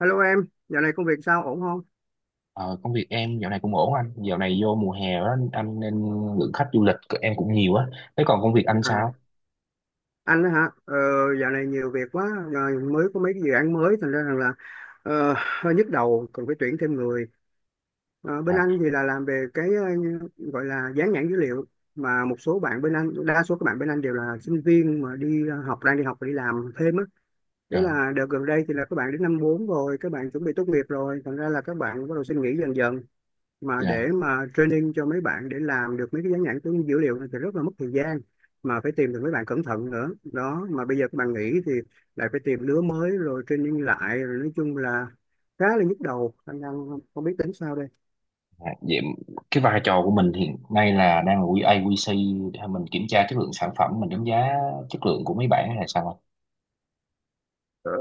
Hello em, dạo này công việc sao ổn không? Ờ, Công việc em dạo này cũng ổn anh. Dạo này vô mùa hè đó anh nên lượng khách du lịch của em cũng nhiều á. Thế còn công việc anh À, sao? anh đó hả? Ờ, Dạo này nhiều việc quá, rồi mới có mấy cái dự án mới, thành ra rằng là ờ, hơi nhức đầu, cần phải tuyển thêm người. Bên À, anh thì là làm về cái gọi là dán nhãn dữ liệu, mà một số bạn bên anh, đa số các bạn bên anh đều là sinh viên mà đi học, đang đi học và đi làm thêm á. Thế à, là đợt gần đây thì là các bạn đến năm 4 rồi, các bạn chuẩn bị tốt nghiệp rồi, thành ra là các bạn bắt đầu xin nghỉ dần dần. Mà dạ, dạ. để training cho mấy bạn để làm được mấy cái dán nhãn của dữ liệu này thì rất là mất thời gian, mà phải tìm được mấy bạn cẩn thận nữa đó. Mà bây giờ các bạn nghỉ thì lại phải tìm lứa mới rồi training lại, rồi nói chung là khá là nhức đầu, anh đang không biết tính sao đây. Vậy, cái vai trò của mình hiện nay là đang là QA QC, hay mình kiểm tra chất lượng sản phẩm, mình đánh giá chất lượng của mấy bạn hay là sao anh? Ờ,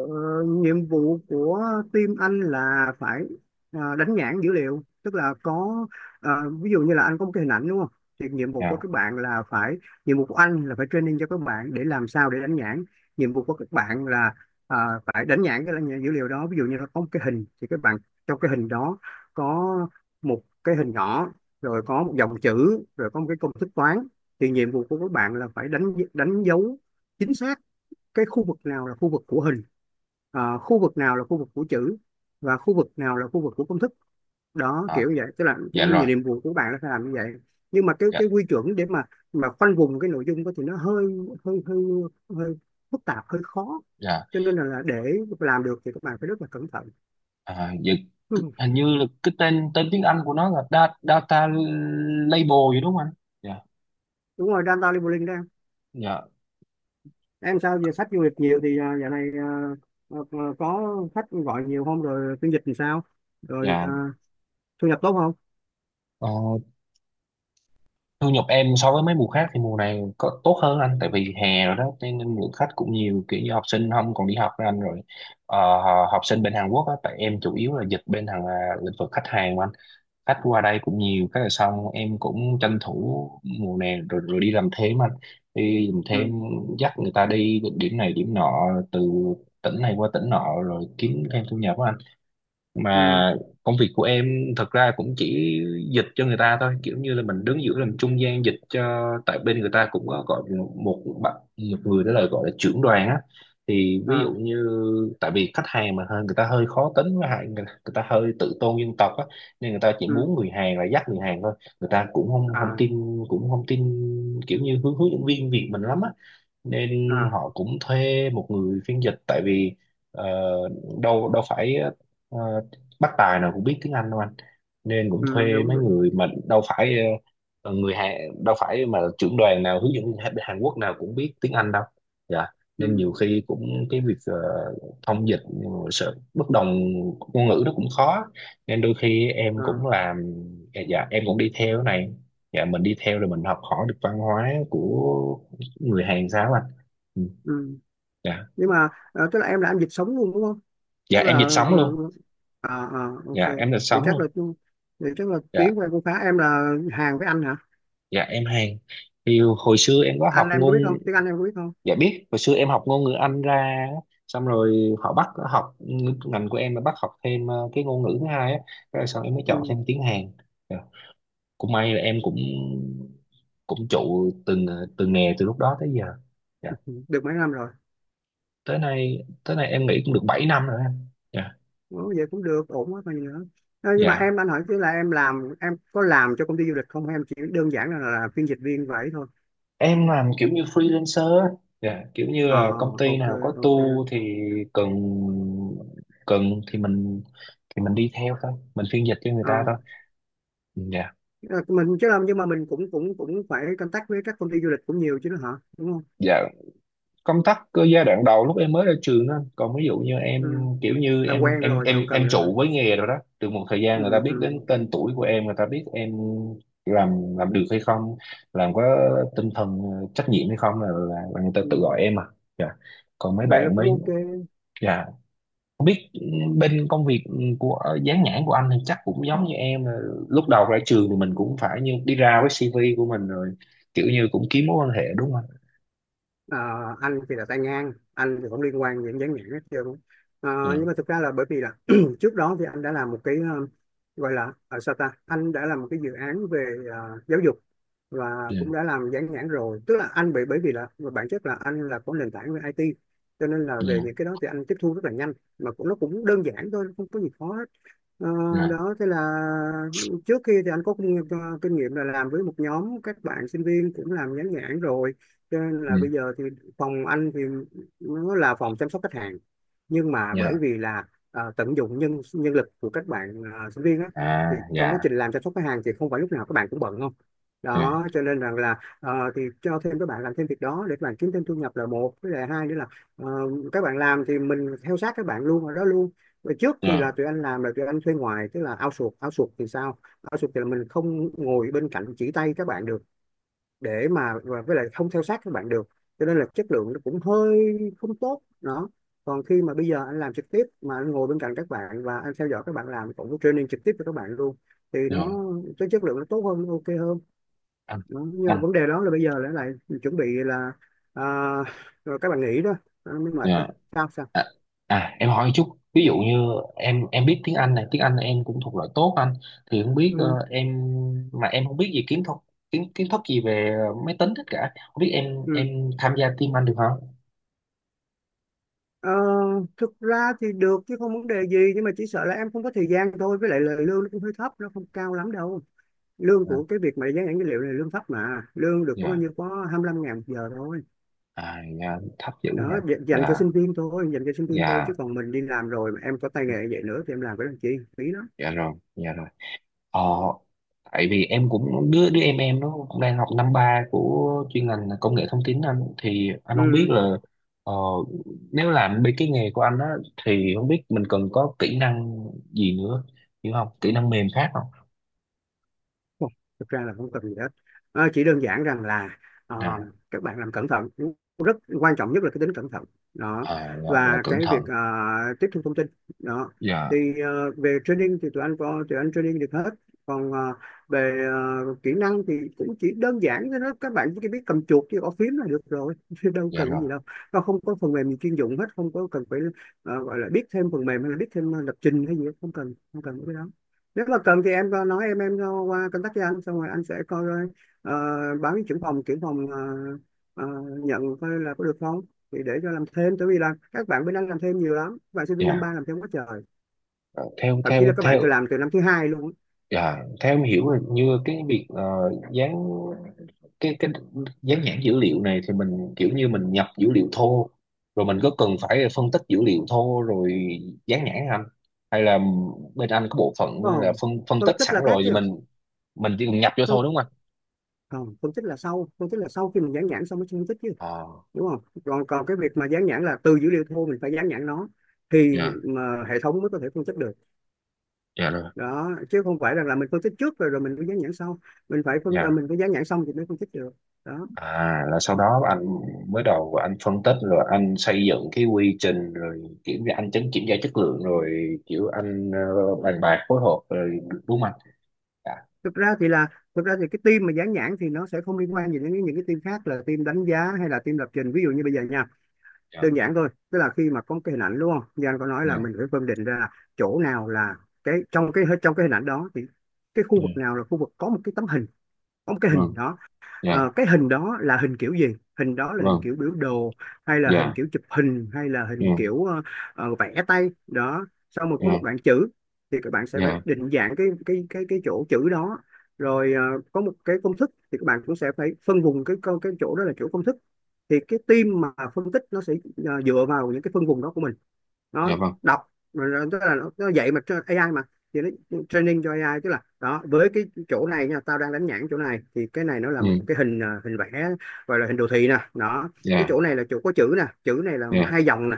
Nhiệm vụ của team anh là phải đánh nhãn dữ liệu, tức là có ví dụ như là anh có một cái hình ảnh đúng không, thì Dạ. Nhiệm vụ của anh là phải training cho các bạn để làm sao để đánh nhãn. Nhiệm vụ của các bạn là ờ, phải đánh nhãn dữ liệu đó. Ví dụ như là có một cái hình thì các bạn, trong cái hình đó có một cái hình nhỏ, rồi có một dòng chữ, rồi có một cái công thức toán, thì nhiệm vụ của các bạn là phải đánh đánh dấu chính xác cái khu vực nào là khu vực của hình, khu vực nào là khu vực của chữ, và khu vực nào là khu vực của công thức. Đó, À, kiểu như vậy, tức là cái dạ rồi. nhiệm vụ của bạn nó sẽ làm như vậy. Nhưng mà cái Dạ, cái quy chuẩn để mà khoanh vùng cái nội dung đó thì nó hơi hơi hơi hơi phức tạp, hơi khó. dạ. Cho nên là để làm được thì các bạn phải rất là cẩn thận. À, dạ. Ừ. Hình như là cái tên tên tiếng Anh của nó là data label vậy đúng không anh? Dạ, Đúng rồi, data labeling đó em. dạ, Em sao giờ sách du lịch nhiều thì dạo này à, có khách gọi nhiều không, rồi phiên dịch thì sao, rồi dạ. thu nhập tốt không? Ờ, Thu nhập em so với mấy mùa khác thì mùa này có tốt hơn anh. Tại vì hè rồi đó cho nên lượng khách cũng nhiều, kiểu như học sinh không còn đi học với anh rồi. Ờ, Học sinh bên Hàn Quốc á, tại em chủ yếu là dịch bên hàng à, lĩnh vực khách hàng mà anh. Khách qua đây cũng nhiều, cái là xong em cũng tranh thủ mùa này rồi, đi làm thêm anh. Đi làm thêm, Ừ. dắt người ta đi điểm này điểm nọ, từ tỉnh này qua tỉnh nọ rồi kiếm thêm thu nhập á anh. Ừ. Mà công việc của em thật ra cũng chỉ dịch cho người ta thôi, kiểu như là mình đứng giữa làm trung gian dịch cho, tại bên người ta cũng có gọi một một bạn, một người đó là gọi là trưởng đoàn á. Thì ví dụ À, như, tại vì khách hàng mà hơi, người ta hơi khó tính, với lại người ta hơi tự tôn dân tộc á, nên người ta chỉ ừ, muốn người Hàn là dắt người Hàn thôi. Người ta cũng không không à, tin, cũng không tin kiểu như hướng hướng dẫn viên Việt mình lắm á, nên à, họ cũng thuê một người phiên dịch. Tại vì ờ, đâu đâu phải ờ, bác tài nào cũng biết tiếng Anh đâu anh, nên cũng ừ, thuê đúng mấy đúng, người. Mà đâu phải người Hàn, đâu phải mà trưởng đoàn nào, hướng dẫn viên Hàn Hàn Quốc nào cũng biết tiếng Anh đâu. Dạ. Nên nhiều ừ, khi cũng cái việc thông dịch, sự bất đồng ngôn ngữ nó cũng khó, nên đôi khi em à, cũng làm. Dạ em cũng đi theo cái này. Dạ mình đi theo rồi mình học hỏi được văn hóa của người Hàn sao anh. Ừ. ừ, Dạ. nhưng mà tức là em làm dịch sống luôn đúng không? Dạ Tức là em dịch sống luôn. ờ, à, à, ok. Dạ em dịch thì sống chắc là luôn. thì chắc là tiếng Dạ, của em cũng khá. Em là Hàn với Anh hả? dạ em Hàn. Thì hồi xưa em có học Anh em có ngôn. biết không Tiếng Anh em có biết không? Dạ biết, hồi xưa em học ngôn ngữ Anh ra á, xong rồi họ bắt học, ngành của em là bắt học thêm cái ngôn ngữ thứ hai á, rồi sau em mới chọn Ừ, thêm tiếng Hàn. Dạ. Cũng may là em cũng cũng trụ từng nghề từ lúc đó tới giờ. Dạ. được mấy năm rồi? Tới nay em nghĩ cũng được 7 năm rồi anh. Dạ. Ủa, vậy cũng được, ổn quá còn gì nữa. Nhưng mà Dạ em, anh hỏi chứ là em làm em có làm cho công ty du lịch không, hay em chỉ đơn giản là phiên dịch viên vậy thôi? em làm kiểu như freelancer á. Dạ kiểu như À, là công ty ok, nào có ok. tour thì cần cần thì mình đi theo thôi, mình phiên dịch cho người Ờ, ta thôi. Dạ. Ờ, mình chứ làm, nhưng mà mình cũng cũng cũng phải contact với các công ty du lịch cũng nhiều chứ nữa hả, đúng không? Dạ công tác cơ giai đoạn đầu lúc em mới ra trường đó. Còn ví dụ như em, Ừ. kiểu như Làm em quen em rồi thì em không cần em nữa hả? trụ với nghề rồi đó, từ một thời Ừ, gian người ta biết đến ừ, tên tuổi của em, người ta biết em làm được hay không, làm có tinh thần trách nhiệm hay không, là người ta ừ. tự gọi em à. Dạ. Còn mấy Vậy là bạn cũng mới. ok. Dạ. Không biết bên công việc của dán nhãn của anh thì chắc cũng giống như em là, lúc đầu ra trường thì mình cũng phải như đi ra với CV của mình rồi, kiểu như cũng kiếm mối quan hệ đúng không? Ờ, anh thì là tay ngang, anh thì không liên quan đến dán nhãn hết trơn. Ờ, Dạ, nhưng mà thực ra là bởi vì là trước đó thì anh đã làm một cái gọi là ở sao ta, anh đã làm một cái dự án về giáo dục và dạ, cũng đã làm dán nhãn rồi. Tức là anh bị bởi vì là về bản chất là anh là có nền tảng về IT, cho nên là về những dạ, cái đó thì anh tiếp thu rất là nhanh, mà cũng nó cũng đơn giản thôi, không có gì khó hết. Ờ, dạ. Đó, thế là trước kia thì anh có kinh nghiệm là làm với một nhóm các bạn sinh viên cũng làm dán nhãn rồi. Cho nên Ừ, ừ. là bây giờ thì phòng anh thì nó là phòng chăm sóc khách hàng, nhưng mà bởi Dạ. vì là tận dụng nhân nhân lực của các bạn sinh viên á, À, thì trong dạ, quá trình làm chăm sóc khách hàng thì không phải lúc nào các bạn cũng bận không. dạ, Đó, cho nên rằng là thì cho thêm các bạn làm thêm việc đó để các bạn kiếm thêm thu nhập là một, với lại hai nữa là ờ, các bạn làm thì mình theo sát các bạn luôn, ở đó luôn. Và trước thì dạ, là tụi anh làm là tụi anh thuê ngoài, tức là outsource outsource thì sao? Outsource thì là mình không ngồi bên cạnh chỉ tay các bạn được, để mà và với lại không theo sát các bạn được, cho nên là chất lượng nó cũng hơi không tốt đó. Còn khi mà bây giờ anh làm trực tiếp mà anh ngồi bên cạnh các bạn, và anh theo dõi các bạn làm, cũng có training trực tiếp cho các bạn luôn, thì nó dạ. cái chất lượng nó tốt hơn, nó ok hơn. Anh, Đó. Nhưng mà anh. vấn đề đó là bây giờ lại lại chuẩn bị là à, rồi các bạn nghỉ đó, nó mới mệt đó. Dạ, Sao sao? à, à, em hỏi một chút, ví dụ như em biết tiếng Anh này, tiếng Anh em cũng thuộc loại tốt anh, thì không biết Ừ, em, mà em không biết gì kiến thức gì về máy tính tất cả, không biết em ừ. em tham gia team anh được không? Ờ, Thực ra thì được chứ, không vấn đề gì, nhưng mà chỉ sợ là em không có thời gian thôi, với lại lời lương nó cũng hơi thấp, nó không cao lắm đâu. Lương của cái việc mà dán nhãn dữ liệu này lương thấp mà, lương được có bao Dạ. nhiêu, có 25.000 một giờ thôi. À, dạ thấp dữ nhỉ. Đó, dành cho Dạ sinh viên thôi, dành cho sinh viên thôi, dạ. chứ còn mình đi làm rồi mà em có tay nghề vậy nữa thì em làm cái làm chi, phí lắm. Dạ rồi. Dạ rồi. ờ Tại vì em cũng đứa đứa em nó cũng đang học năm ba của chuyên ngành là công nghệ thông tin anh, thì anh không biết Ừ. là ờ, nếu làm bên cái nghề của anh á thì không biết mình cần có kỹ năng gì nữa, hiểu không, kỹ năng mềm khác không. Không, thực ra là không cần gì hết. Chỉ đơn giản rằng là ờ, Nè. các bạn làm cẩn thận, rất quan trọng nhất là cái tính cẩn thận đó, Ờ, là và cẩn cái việc thận. Tiếp thu thông tin đó. Dạ. Thì về training thì tụi anh training được hết. Còn về kỹ năng thì cũng chỉ đơn giản thôi đó, các bạn chỉ biết cầm chuột với gõ phím là được rồi chứ đâu Dạ cần cái rồi. gì đâu. Nó không có phần mềm gì chuyên dụng hết, không có cần phải gọi là biết thêm phần mềm, hay là biết thêm lập trình hay gì hết. Không cần, không cần cái đó. Nếu mà cần thì em có nói, em cho qua contact với anh, xong rồi anh sẽ coi coi, ờ, báo với trưởng phòng ờ, nhận coi là có được không, thì để cho làm thêm. Tại vì là các bạn bên anh làm thêm nhiều lắm, các bạn sinh viên năm Dạ. ba làm thêm quá trời, Ờ, theo thậm theo chí là các bạn theo từ làm từ năm thứ hai luôn á. Dạ, theo em hiểu là như cái việc dán cái dán nhãn dữ liệu này thì mình kiểu như mình nhập dữ liệu thô, rồi mình có cần phải phân tích dữ liệu thô rồi dán nhãn không anh, hay là bên anh có bộ phận Đúng là không? phân phân Phân tích tích sẵn là khác rồi thì chứ. mình chỉ cần nhập vô phân, thôi đúng không anh? Không, phân tích là sau, phân tích là sau khi mình dán nhãn xong mới phân tích chứ, À, đúng không? Còn còn cái việc mà dán nhãn là từ dữ liệu thô mình phải dán nhãn nó, thì dạ. mà hệ thống mới có thể phân tích được. Dạ rồi. Đó, chứ không phải rằng là mình phân tích trước rồi rồi mình mới dán nhãn sau. Mình phải Dạ. mình phải dán nhãn xong thì mới phân tích được. Đó. À, là sau đó anh, mới đầu anh phân tích rồi anh xây dựng cái quy trình, rồi kiểm tra, anh chấm kiểm tra chất lượng, rồi kiểu anh bàn bạc phối hợp rồi đúng không anh? Dạ, Thực ra thì là, thực ra thì cái team mà dán nhãn thì nó sẽ không liên quan gì đến những cái team khác là team đánh giá hay là team lập trình, ví dụ như bây giờ nha. dạ, Đơn giản thôi, tức là khi mà có cái hình ảnh đúng không, Giang có nói là dạ, mình phải phân định ra là chỗ nào là cái, trong cái trong cái hình ảnh đó thì cái khu vực dạ. nào là khu vực có một cái tấm hình, có một cái hình Vâng. đó. Dạ, Ờ, cái hình đó là hình kiểu gì? Hình đó là hình vâng. kiểu biểu đồ, hay là hình Dạ, kiểu chụp hình, hay là dạ, hình kiểu vẽ tay đó. Xong rồi có một dạ, đoạn chữ thì các bạn sẽ phải dạ, định dạng cái chỗ chữ đó. Rồi có một cái công thức thì các bạn cũng sẽ phải phân vùng cái chỗ đó là chỗ công thức. Thì cái team mà phân tích nó sẽ dựa vào những cái phân vùng đó của mình, nó dạ, vâng. đọc rồi tức là nó dạy mà AI mà, thì nó training cho AI. Tức là đó, với cái chỗ này nha, tao đang đánh nhãn chỗ này thì cái này nó là một Ừ. cái hình, hình vẽ, gọi là hình đồ thị nè đó. Cái Dạ, chỗ này là chỗ có chữ nè, chữ này là dạ, hai dòng nè.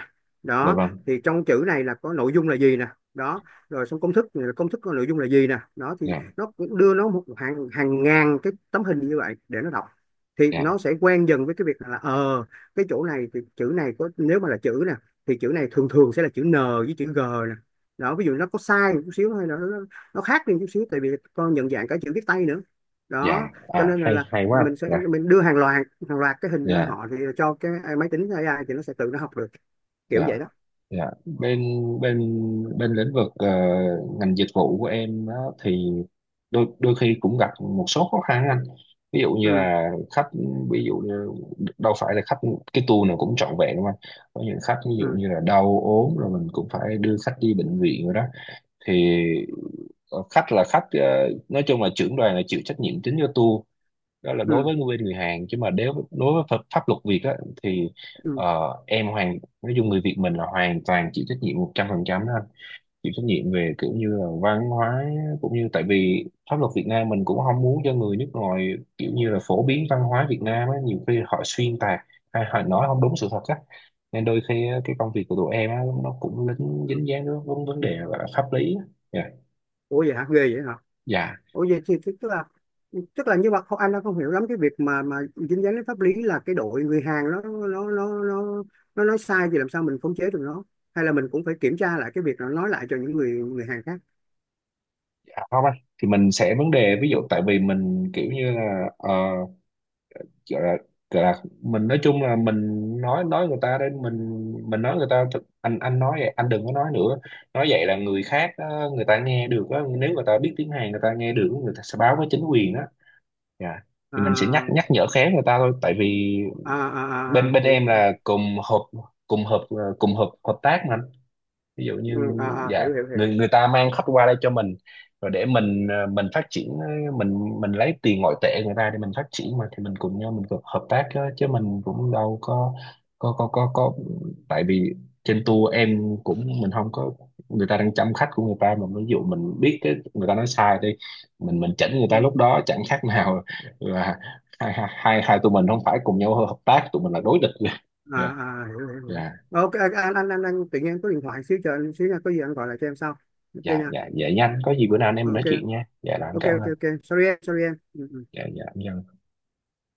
dạ, Đó, vâng. thì trong chữ này là có nội dung là gì nè. Đó, rồi xong công thức, công thức có nội dung là gì nè. Đó thì Dạ, nó cũng đưa nó một hàng hàng ngàn cái tấm hình như vậy để nó đọc, thì dạ, nó sẽ quen dần với cái việc là ờ, cái chỗ này thì chữ này có, nếu mà là chữ nè, thì chữ này thường thường sẽ là chữ N với chữ G nè. Đó, ví dụ nó có sai một chút xíu, hay là nó khác đi một chút xíu, tại vì con nhận dạng cả chữ viết tay nữa. dạ. Đó, cho À, nên là, hay là hay quá. mình sẽ Dạ, mình đưa hàng loạt cái hình cho dạ, họ, thì cho cái máy tính AI thì nó sẽ tự nó học được, kiểu dạ, vậy đó. dạ. Bên bên bên lĩnh vực ngành dịch vụ của em á, thì đôi đôi khi cũng gặp một số khó khăn anh. Ví dụ như Ừ, là khách, ví dụ như đâu phải là khách cái tour nào cũng trọn vẹn đâu anh. Có những khách ví dụ ừ, như là đau ốm rồi mình cũng phải đưa khách đi bệnh viện rồi đó. Thì khách là khách, nói chung là trưởng đoàn là chịu trách nhiệm chính cho tour. Đó là đối ừ, với người bên người Hàn, chứ mà nếu đối với pháp luật Việt á, thì ừ, ờ, em nói chung người Việt mình là hoàn toàn chịu trách nhiệm 100% đó anh. Chịu trách nhiệm về kiểu như là văn hóa, cũng như tại vì pháp luật Việt Nam mình cũng không muốn cho người nước ngoài kiểu như là phổ biến văn hóa Việt Nam á, nhiều khi họ xuyên tạc hay họ nói không đúng sự thật á. Nên đôi khi á, cái công việc của tụi em á, nó cũng lính ừ. dính dáng đến vấn vấn đề gọi là pháp lý á. Dạ. Ủa, vậy hả, ghê vậy hả. Dạ, Ủa vậy thì tức tức là như vậy. Không, anh đang không hiểu lắm cái việc mà dính dáng đến pháp lý, là cái đội người Hàn nó nói sai thì làm sao mình khống chế được nó, hay là mình cũng phải kiểm tra lại cái việc nó nói lại cho những người người Hàn khác. dạ không anh. Thì mình sẽ, vấn đề ví dụ tại vì mình kiểu như là gọi là gọi là mình nói chung là mình nói người ta, đến mình nói người ta anh nói vậy anh đừng có nói nữa. Nói vậy là người khác người ta nghe được á, nếu người ta biết tiếng Hàn người ta nghe được, người ta sẽ báo với chính quyền đó. Dạ. Thì mình sẽ nhắc À, nhắc nhở khéo người ta thôi, tại vì à, bên à, à, bên em hiểu. là cùng hợp, cùng hợp ờ, cùng hợp hợp tác mà, ví dụ Ừ, như. à, à, Dạ. hiểu, hiểu, hiểu. Người người ta mang khách qua đây cho mình rồi để mình mình phát triển, mình lấy tiền ngoại tệ người ta để mình phát triển mà, thì mình cùng nhau, mình cùng hợp tác chứ, mình cũng đâu có có có có có tại vì trên tour em cũng, mình không có, người ta đang chăm khách của người ta mà, ví dụ mình biết cái người ta nói sai đi, mình chỉnh người ta lúc Ừ, đó chẳng khác nào là hai hai hai hai tụi mình không phải cùng nhau hợp tác, tụi mình là đối địch. à, Dạ. à, hiểu, hiểu, hiểu. Dạ, Ok, anh tự nhiên có điện thoại xíu, chờ anh xíu nha, có gì anh gọi lại cho em sau. Ok dạ, nha. dạ, dạ nhanh, có gì bữa nào anh em mình nói Ok, chuyện nha, dạ là em ok, cảm ok, ơn. ok, sorry em, sorry em. Ừ, ừ. Dạ, dạ em chào anh.